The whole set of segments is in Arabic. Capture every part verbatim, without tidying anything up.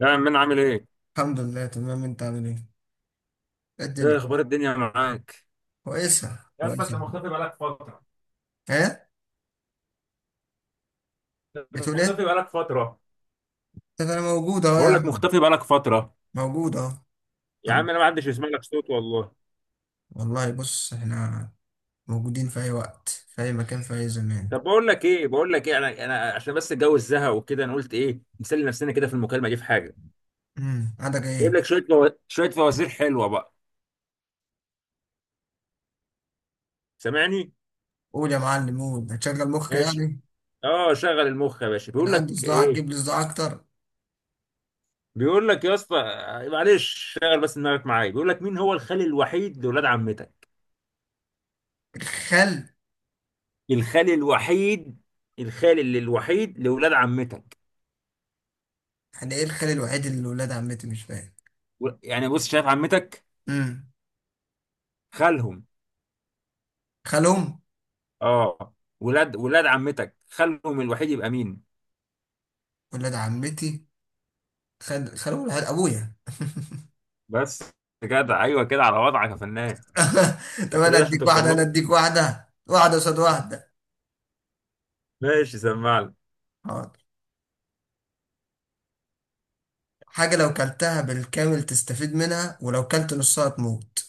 يا عم انا عامل ايه؟ الحمد لله، تمام، انت عامل ايه؟ ايه ايه الدنيا، اخبار الدنيا معاك؟ كويسة يا اسطى انت كويسة. مختفي بقالك فترة. ايه؟ انت بتقول مختفي ايه؟ بقالك فترة. طب انا موجود اهو يا بقول لك عم، مختفي بقالك فترة. موجود اهو. الحمد يا عم انا لله. ما حدش يسمع لك صوت والله. والله بص احنا موجودين في اي وقت، في اي مكان، في اي زمان. طب بقول لك ايه بقول لك ايه انا انا عشان بس الجو الزهق وكده، انا قلت ايه نسلي نفسنا كده في المكالمة دي في حاجة. امم عندك جايب ايه؟ لك شوية فو... شوية فوازير حلوة بقى. سامعني؟ قول يا معلم، قول، هتشغل مخك ماشي. يعني؟ اه شغل المخ يا باشا، انا بيقول عندي لك صداع، ايه؟ هتجيب لي صداع اكتر. بيقول لك يا اسطى، معلش شغل بس دماغك معايا. بيقول لك مين هو الخال الوحيد لولاد عمتك؟ الخل. الخال الوحيد. الخال اللي الوحيد لولاد عمتك. يعني ايه الخل الوحيد اللي ولاد عمتي، مش فاهم. و- يعني بص شايف عمتك، امم خالهم. خالهم. اه. ولاد ولاد عمتك خالهم الوحيد يبقى مين. ولاد عمتي، خال خالهم الوحيد ابويا. بس، جدع، ايوه كده على وضعك يا فنان. طب انت انا كده عشان اديك توصل واحده انا لها. اديك واحده واحده قصاد واحده. ماشي، سمعني. حاضر. حاجه لو كلتها بالكامل تستفيد منها، ولو كلت نصها تموت.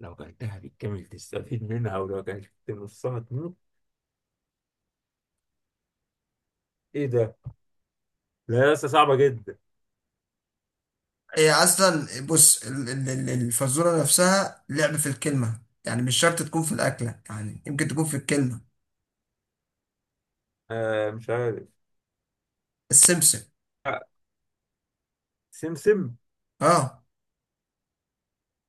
لو كلتها بالكامل تستفيد منها، ولو كلت نصها تموت. ايه ده؟ لا، لسه صعبة جدا. هي اصلا، بص، ال- ال- ال- الفزوره نفسها لعب في الكلمه، يعني مش شرط تكون في الاكله، يعني يمكن تكون في الكلمه. آه، مش عارف. السمسم، آه، سمسم. اه.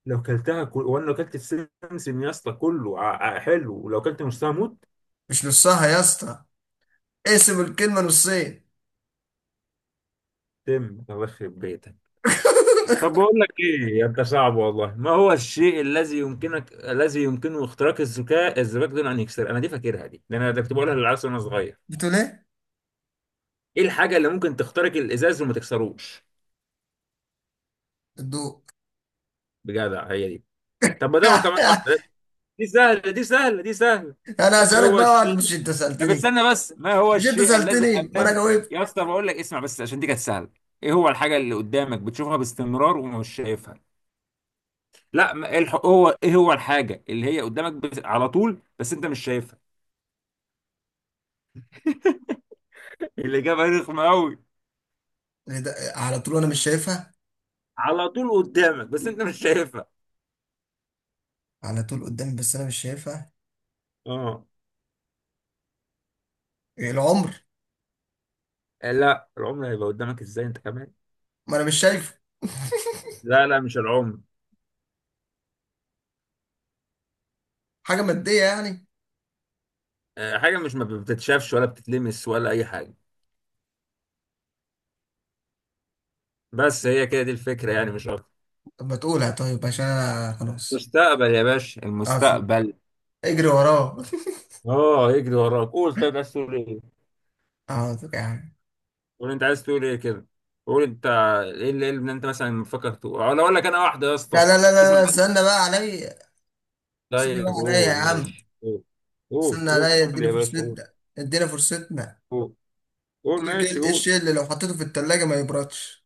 لو كلتها كل... وانا لو كلت السمسم يا اسطى كله ع- ع- حلو، ولو كلت نصها موت. مش نصها يا اسطى، اقسم الكلمه نصين. تم، الله يخرب بيتك. طب بقول لك ايه، يا انت صعب والله. ما هو الشيء الذي يمكنك الذي يمكنه اختراق الذكاء الزجاج دون ان يكسر. انا دي فاكرها دي لان انا ده كنت بقولها للعيال وانا صغير. بتقول ايه؟ ايه الحاجه اللي ممكن تخترق الازاز وما تكسروش. الضوء. بجدع، هي دي. طب ما ده هو كمان واحده. دي سهله، دي سهله، دي سهله. انا ايه هسألك هو بقى واحد. الشيء؟ مش انت طب سألتني استنى بس، ما هو مش انت الشيء الذي سألتني ما انا امامك. جاوبت. يا اسطى بقول لك اسمع بس، عشان دي كانت سهله. ايه هو الحاجه اللي قدامك بتشوفها باستمرار ومش شايفها. لا، ما- إيه الح... هو ايه هو الحاجه اللي هي قدامك بس... على طول بس انت مش شايفها. الاجابه رخمه قوي. إيه ده؟ على طول انا مش شايفها؟ على طول قدامك بس انت مش شايفها. على طول قدامي بس انا مش شايفها. اه. إيه، العمر؟ لا، العمر هيبقى قدامك ازاي انت كمان. ما انا مش شايفه. لا لا، مش العمر. حاجه ماديه يعني؟ آه، حاجه مش ما بتتشافش ولا بتتلمس ولا اي حاجه. بس هي كده دي الفكره يعني مش اكتر. طب ما تقولها طيب، عشان أنا خلاص مستقبل يا باشا، اصلا المستقبل. اجري وراه. اه، يجري وراك. قول طيب، عايز تقول ايه. حاضر يا عم. قول انت عايز تقول ايه كده. قول انت. ايه اللي، إيه اللي انت مثلا مفكر تقول، أو لو اقول لك انا واحده يا لا اسطى؟ لا لا لا تسمع. لا، استنى بقى عليا، استنى طيب بقى عليا يا قول، عم، ماشي قول. قول، استنى عليا، قول اديني يا باشا، قول. فرصتنا، اديني فرصتنا. قول، قول، يقول لك ماشي ايه، إيه قول. الشيء اللي لو حطيته في التلاجة ما يبردش؟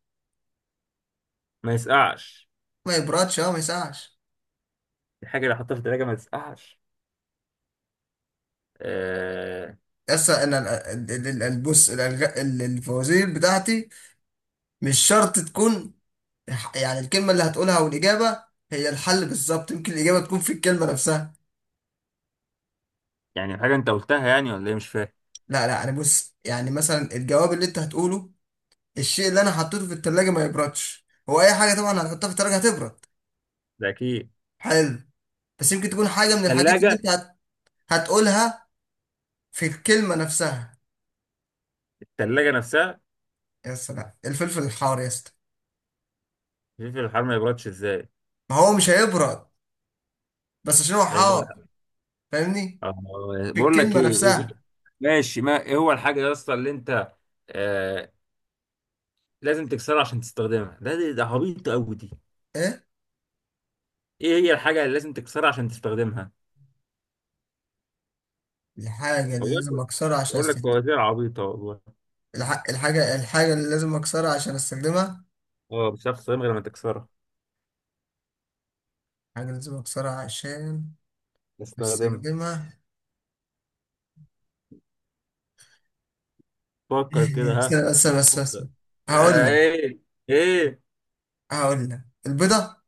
ما يسقعش. ما يبردش، اه ما يسقعش. الحاجة اللي حطها في التلاجة ما تسقعش. آه. يس، انا. ال- ال- ال- ال- بص، الألغ- ال- الفوازير بتاعتي مش شرط تكون، يعني الكلمة اللي هتقولها والإجابة هي الحل بالظبط، يمكن الإجابة تكون في الكلمة نفسها. يعني حاجة أنت قلتها يعني، ولا إيه، مش فاهم. لا لا، أنا بص، يعني مثلا الجواب اللي أنت هتقوله، الشيء اللي أنا حطيته في التلاجة ما يبردش، هو أي حاجة طبعا هنحطها في التلاجة هتبرد. ده أكيد. حلو. بس يمكن تكون حاجة من الحاجات اللي التلاجة. أنت هت... هتقولها، في الكلمة نفسها. التلاجة نفسها. يا سلام، الفلفل الحار يا اسطى. الفلفل الحار ما يبردش إزاي؟ ما هو مش هيبرد بس عشان هو هيفضل- حار، فاهمني؟ آه. في بقول لك الكلمة إيه، إيه إيه؟ نفسها. ماشي، ما إيه هو الحاجة يا اسطى اللي أنت. آه، لازم تكسرها عشان تستخدمها. ده ده ده عبيط أوي دي. إيه إيه هي الحاجة اللي لازم تكسرها عشان تستخدمها؟ الحاجة اللي لازم والله أكسرها عشان بقول لك أستخدمها؟ فوازير عبيطة والله. الح... الحاجة الحاجة اللي لازم أكسرها عشان أستخدمها. اه، مش هتعرف تستخدمها غير لما تكسرها. حاجة لازم أكسرها عشان استخدمها. أستخدمها. فكر كده، بس ها. بس بس بس، فكر. هقول آه لك ايه، ايه. هقول لك البيضة.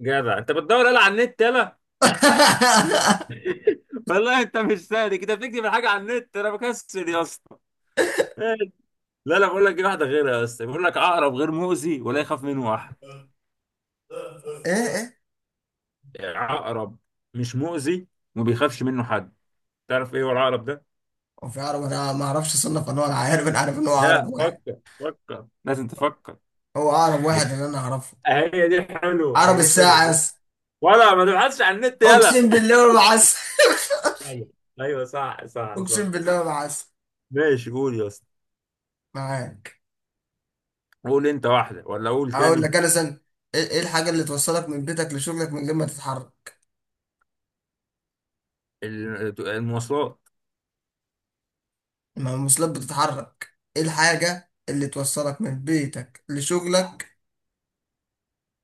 جدع انت، بتدور يلا على النت، يلا. والله انت مش سهل كده، بتكتب الحاجه على النت، انا بكسل يا اسطى. لا لا، بقول لك دي واحده غيرها يا اسطى. بيقول لك عقرب غير مؤذي ولا يخاف منه واحد. إيه إيه، عقرب مش مؤذي، وما بيخافش منه حد. تعرف ايه هو العقرب ده. هو في عرب أنا ما أعرفش أصنف أنواع العقارب؟ أنا عارف إن هو عقرب لا، واحد. فكر فكر لازم تفكر. هو عقرب واحد هي اللي أنا أعرفه. هي دي حلوه، هي عقرب دي الساعة، حلوه. يس. ولا ما تبحثش عن النت، أقسم يلا. بالله ما بعسل، ايوه. أيوة، صح صح صح. أقسم بالله ما بعسل، ماشي، قول يا اسطى. معاك. قول انت واحدة، ولا اقول هقول تاني. لك. أنا سن، إيه، إيه الحاجة اللي توصلك من بيتك لشغلك من غير ما تتحرك؟ ال- المواصلات. ما الموصلات بتتحرك. إيه الحاجة اللي توصلك من بيتك لشغلك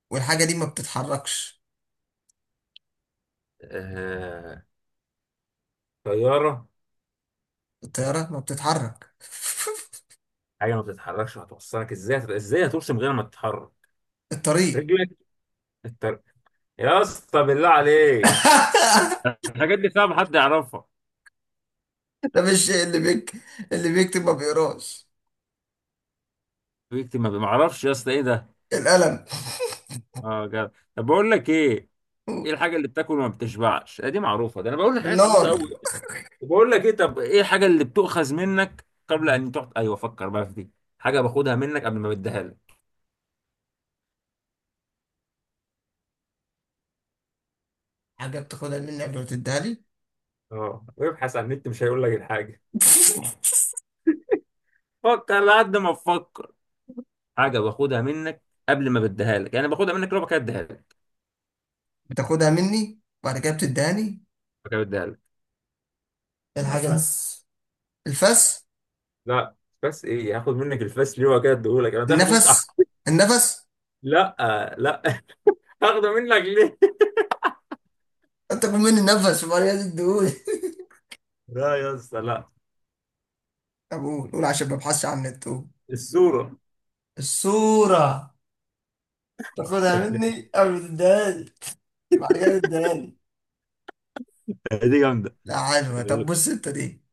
والحاجة دي ما بتتحركش؟ آه، طيارة. الطيارة ما بتتحرك. حاجة ما بتتحركش هتوصلك ازاي، ازاي هترسم غير ما تتحرك. الطريق. رجلك. التر... يا اسطى بالله عليك، الحاجات دي صعب حد يعرفها. ده مش شيء، اللي بيك اللي بيكتب ما بيقراش. بيكتب ما بيعرفش يا اسطى، ايه ده. القلم. اه جد. طب بقول لك ايه، ايه الحاجة اللي بتاكل وما بتشبعش. آه، دي معروفة، ده انا بقول لك حاجات عبيطة النار. قوي. بقول لك ايه، طب ايه الحاجه اللي بتؤخذ منك قبل ان تحط. ايوه، فكر بقى في دي. حاجه باخدها منك قبل ما بديها لك. حاجة بتاخدها مني قبل ما تديها لي. اه، وابحث عن النت مش هيقول لك الحاجه. فكر لحد ما تفكر. حاجه باخدها منك قبل ما بديها لك، يعني باخدها منك لو كده اديها لك. بتاخدها مني وبعد كده بتديهاني. بعد كده بديها لك. إيه الحاجة دي؟ نفس، الفس، لا. بس ايه هاخد منك الفاس ليه، وكده اديهولك انا تاخده انت. النفس أح- النفس لا، لا. هاخده منك ليه. انت كل مني النفس وبعد كده تديهولي. لا يا اسطى، لا. طب قول، قول عشان ما ابحثش عن النت، قول. الصوره. الصورة، تاخدها مني قبل ما تديها لي. بعد كده تديهالي. دي جامده. لا، عارفها. طب بص انت دي،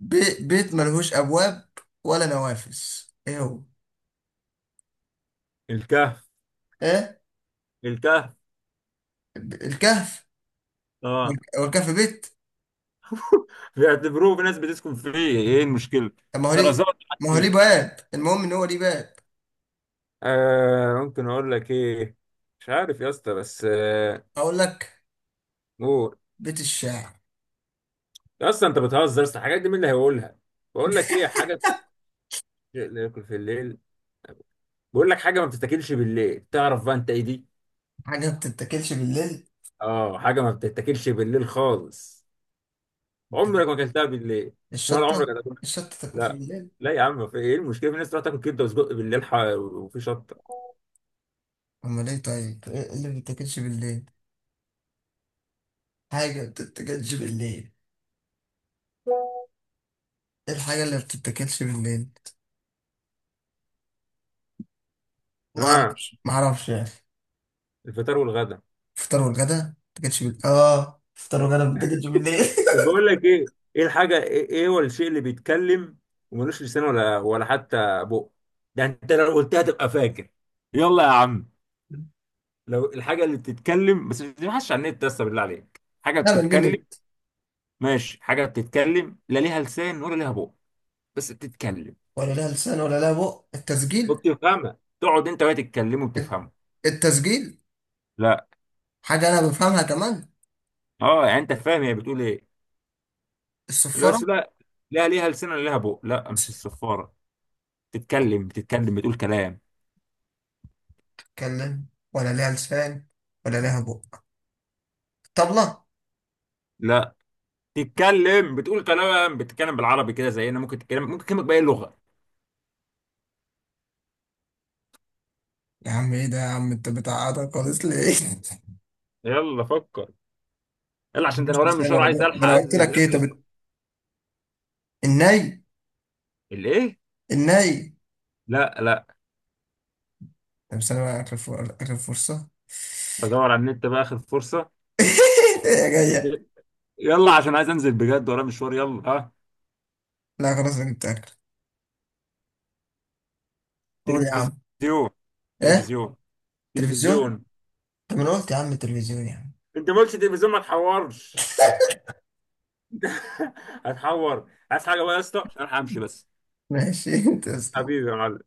بي... بيت ملهوش ابواب ولا نوافذ، ايه هو؟ الكهف. ايه، الكهف. ب- الكهف؟ اه. هو الكهف بيت؟ بيعتبروه في ناس بتسكن فيه. ايه المشكله. طب ما هو ليه طرزات حد ما هو ليه فيه. باب، المهم ان هو ليه باب. آه، ممكن اقول لك ايه. مش عارف يا اسطى، بس آه. اقول لك قول. بيت الشعر. يا اسطى انت بتهزر، يا اسطى الحاجات دي مين اللي هيقولها. بقول لك ايه، حاجه بت- شيء لا ياكل في الليل. بقول لك حاجه ما بتتاكلش بالليل، تعرف بقى انت ايه دي. حاجه ما بتتاكلش بالليل؟ اه، حاجه ما بتتاكلش بالليل خالص. عمرك بتتاكلش- ما اكلتها بالليل، ولا عمرك الشطه هتاكلها. الشطه تاكلش لا. بالليل. لا يا عم، في ايه المشكله، في ناس تروح تاكل كبده وسجق بالليل، ح- وفي شطه. امال ايه طيب، ايه اللي ما بتتاكلش بالليل؟ حاجه ما بتتاكلش بالليل، ايه الحاجه اللي ما بتتاكلش بالليل؟ ما اه، اعرفش، ما اعرفش يعني. الفطار والغدا. فطار والغدا ما تاكلش بال... اه فطار وغدا ما تاكلش بالليل. طب بقول لك ايه، ايه الحاجه، ايه، إيه هو الشيء اللي بيتكلم وملوش لسان ولا ولا حتى بق. ده انت لو قلتها تبقى فاكر. يلا يا عم. لو الحاجه اللي بتتكلم، بس ما تبحثش عن النت، بس بالله عليك، حاجه لا، بتتكلم. بنجنن. ماشي، حاجه بتتكلم لا ليها لسان ولا ليها بق، بس بتتكلم. ولا لها لسان ولا لها بق، التسجيل. وبتفهمها، تقعد انت وهي تتكلم الت- وبتفهمه. التسجيل، لا. حاجة أنا بفهمها كمان. اه يعني انت فاهم هي بتقول ايه. لا بس الصفارة. لا. لا ليها لسان ولا ليها بق، لا مش الصفاره. بتتكلم بتتكلم بتقول كلام. بتتكلم ولا لها لسان ولا لها بق، طبلة. لا. تتكلم بتقول كلام، بتتكلم بالعربي كده زينا، ممكن تتكلم، ممكن تكلمك بأي لغة. يا عم إيه ده يا عم، أنت بتعقدها خالص ليه؟ يلا فكر. يلا عشان ده انا مش ورايا لسان مشوار، ولا عايز بق، ده الحق أنا قلت انزل لك إيه؟ طب اخلص. الت- الناي الايه. الناي لا لا. طب استنى بقى آخر فر- آخر فرصة. بدور على النت بقى، اخر فرصة. إيه يا جاية؟ يلا عشان عايز انزل بجد، ورايا مشوار، يلا ها. لا خلاص، أنا جبت آخر. قول يا عم. تلفزيون. إيه؟ تلفزيون. تلفزيون. تلفزيون. طب انا قلت يا عم التلفزيون يعني. انت ما قلتش تلفزيون، ما تحورش. هتحور، عايز حاجة بقى يا اسطى عشان أنا همشي بس. ماشي انت يا أسطى. حبيبي يا معلم.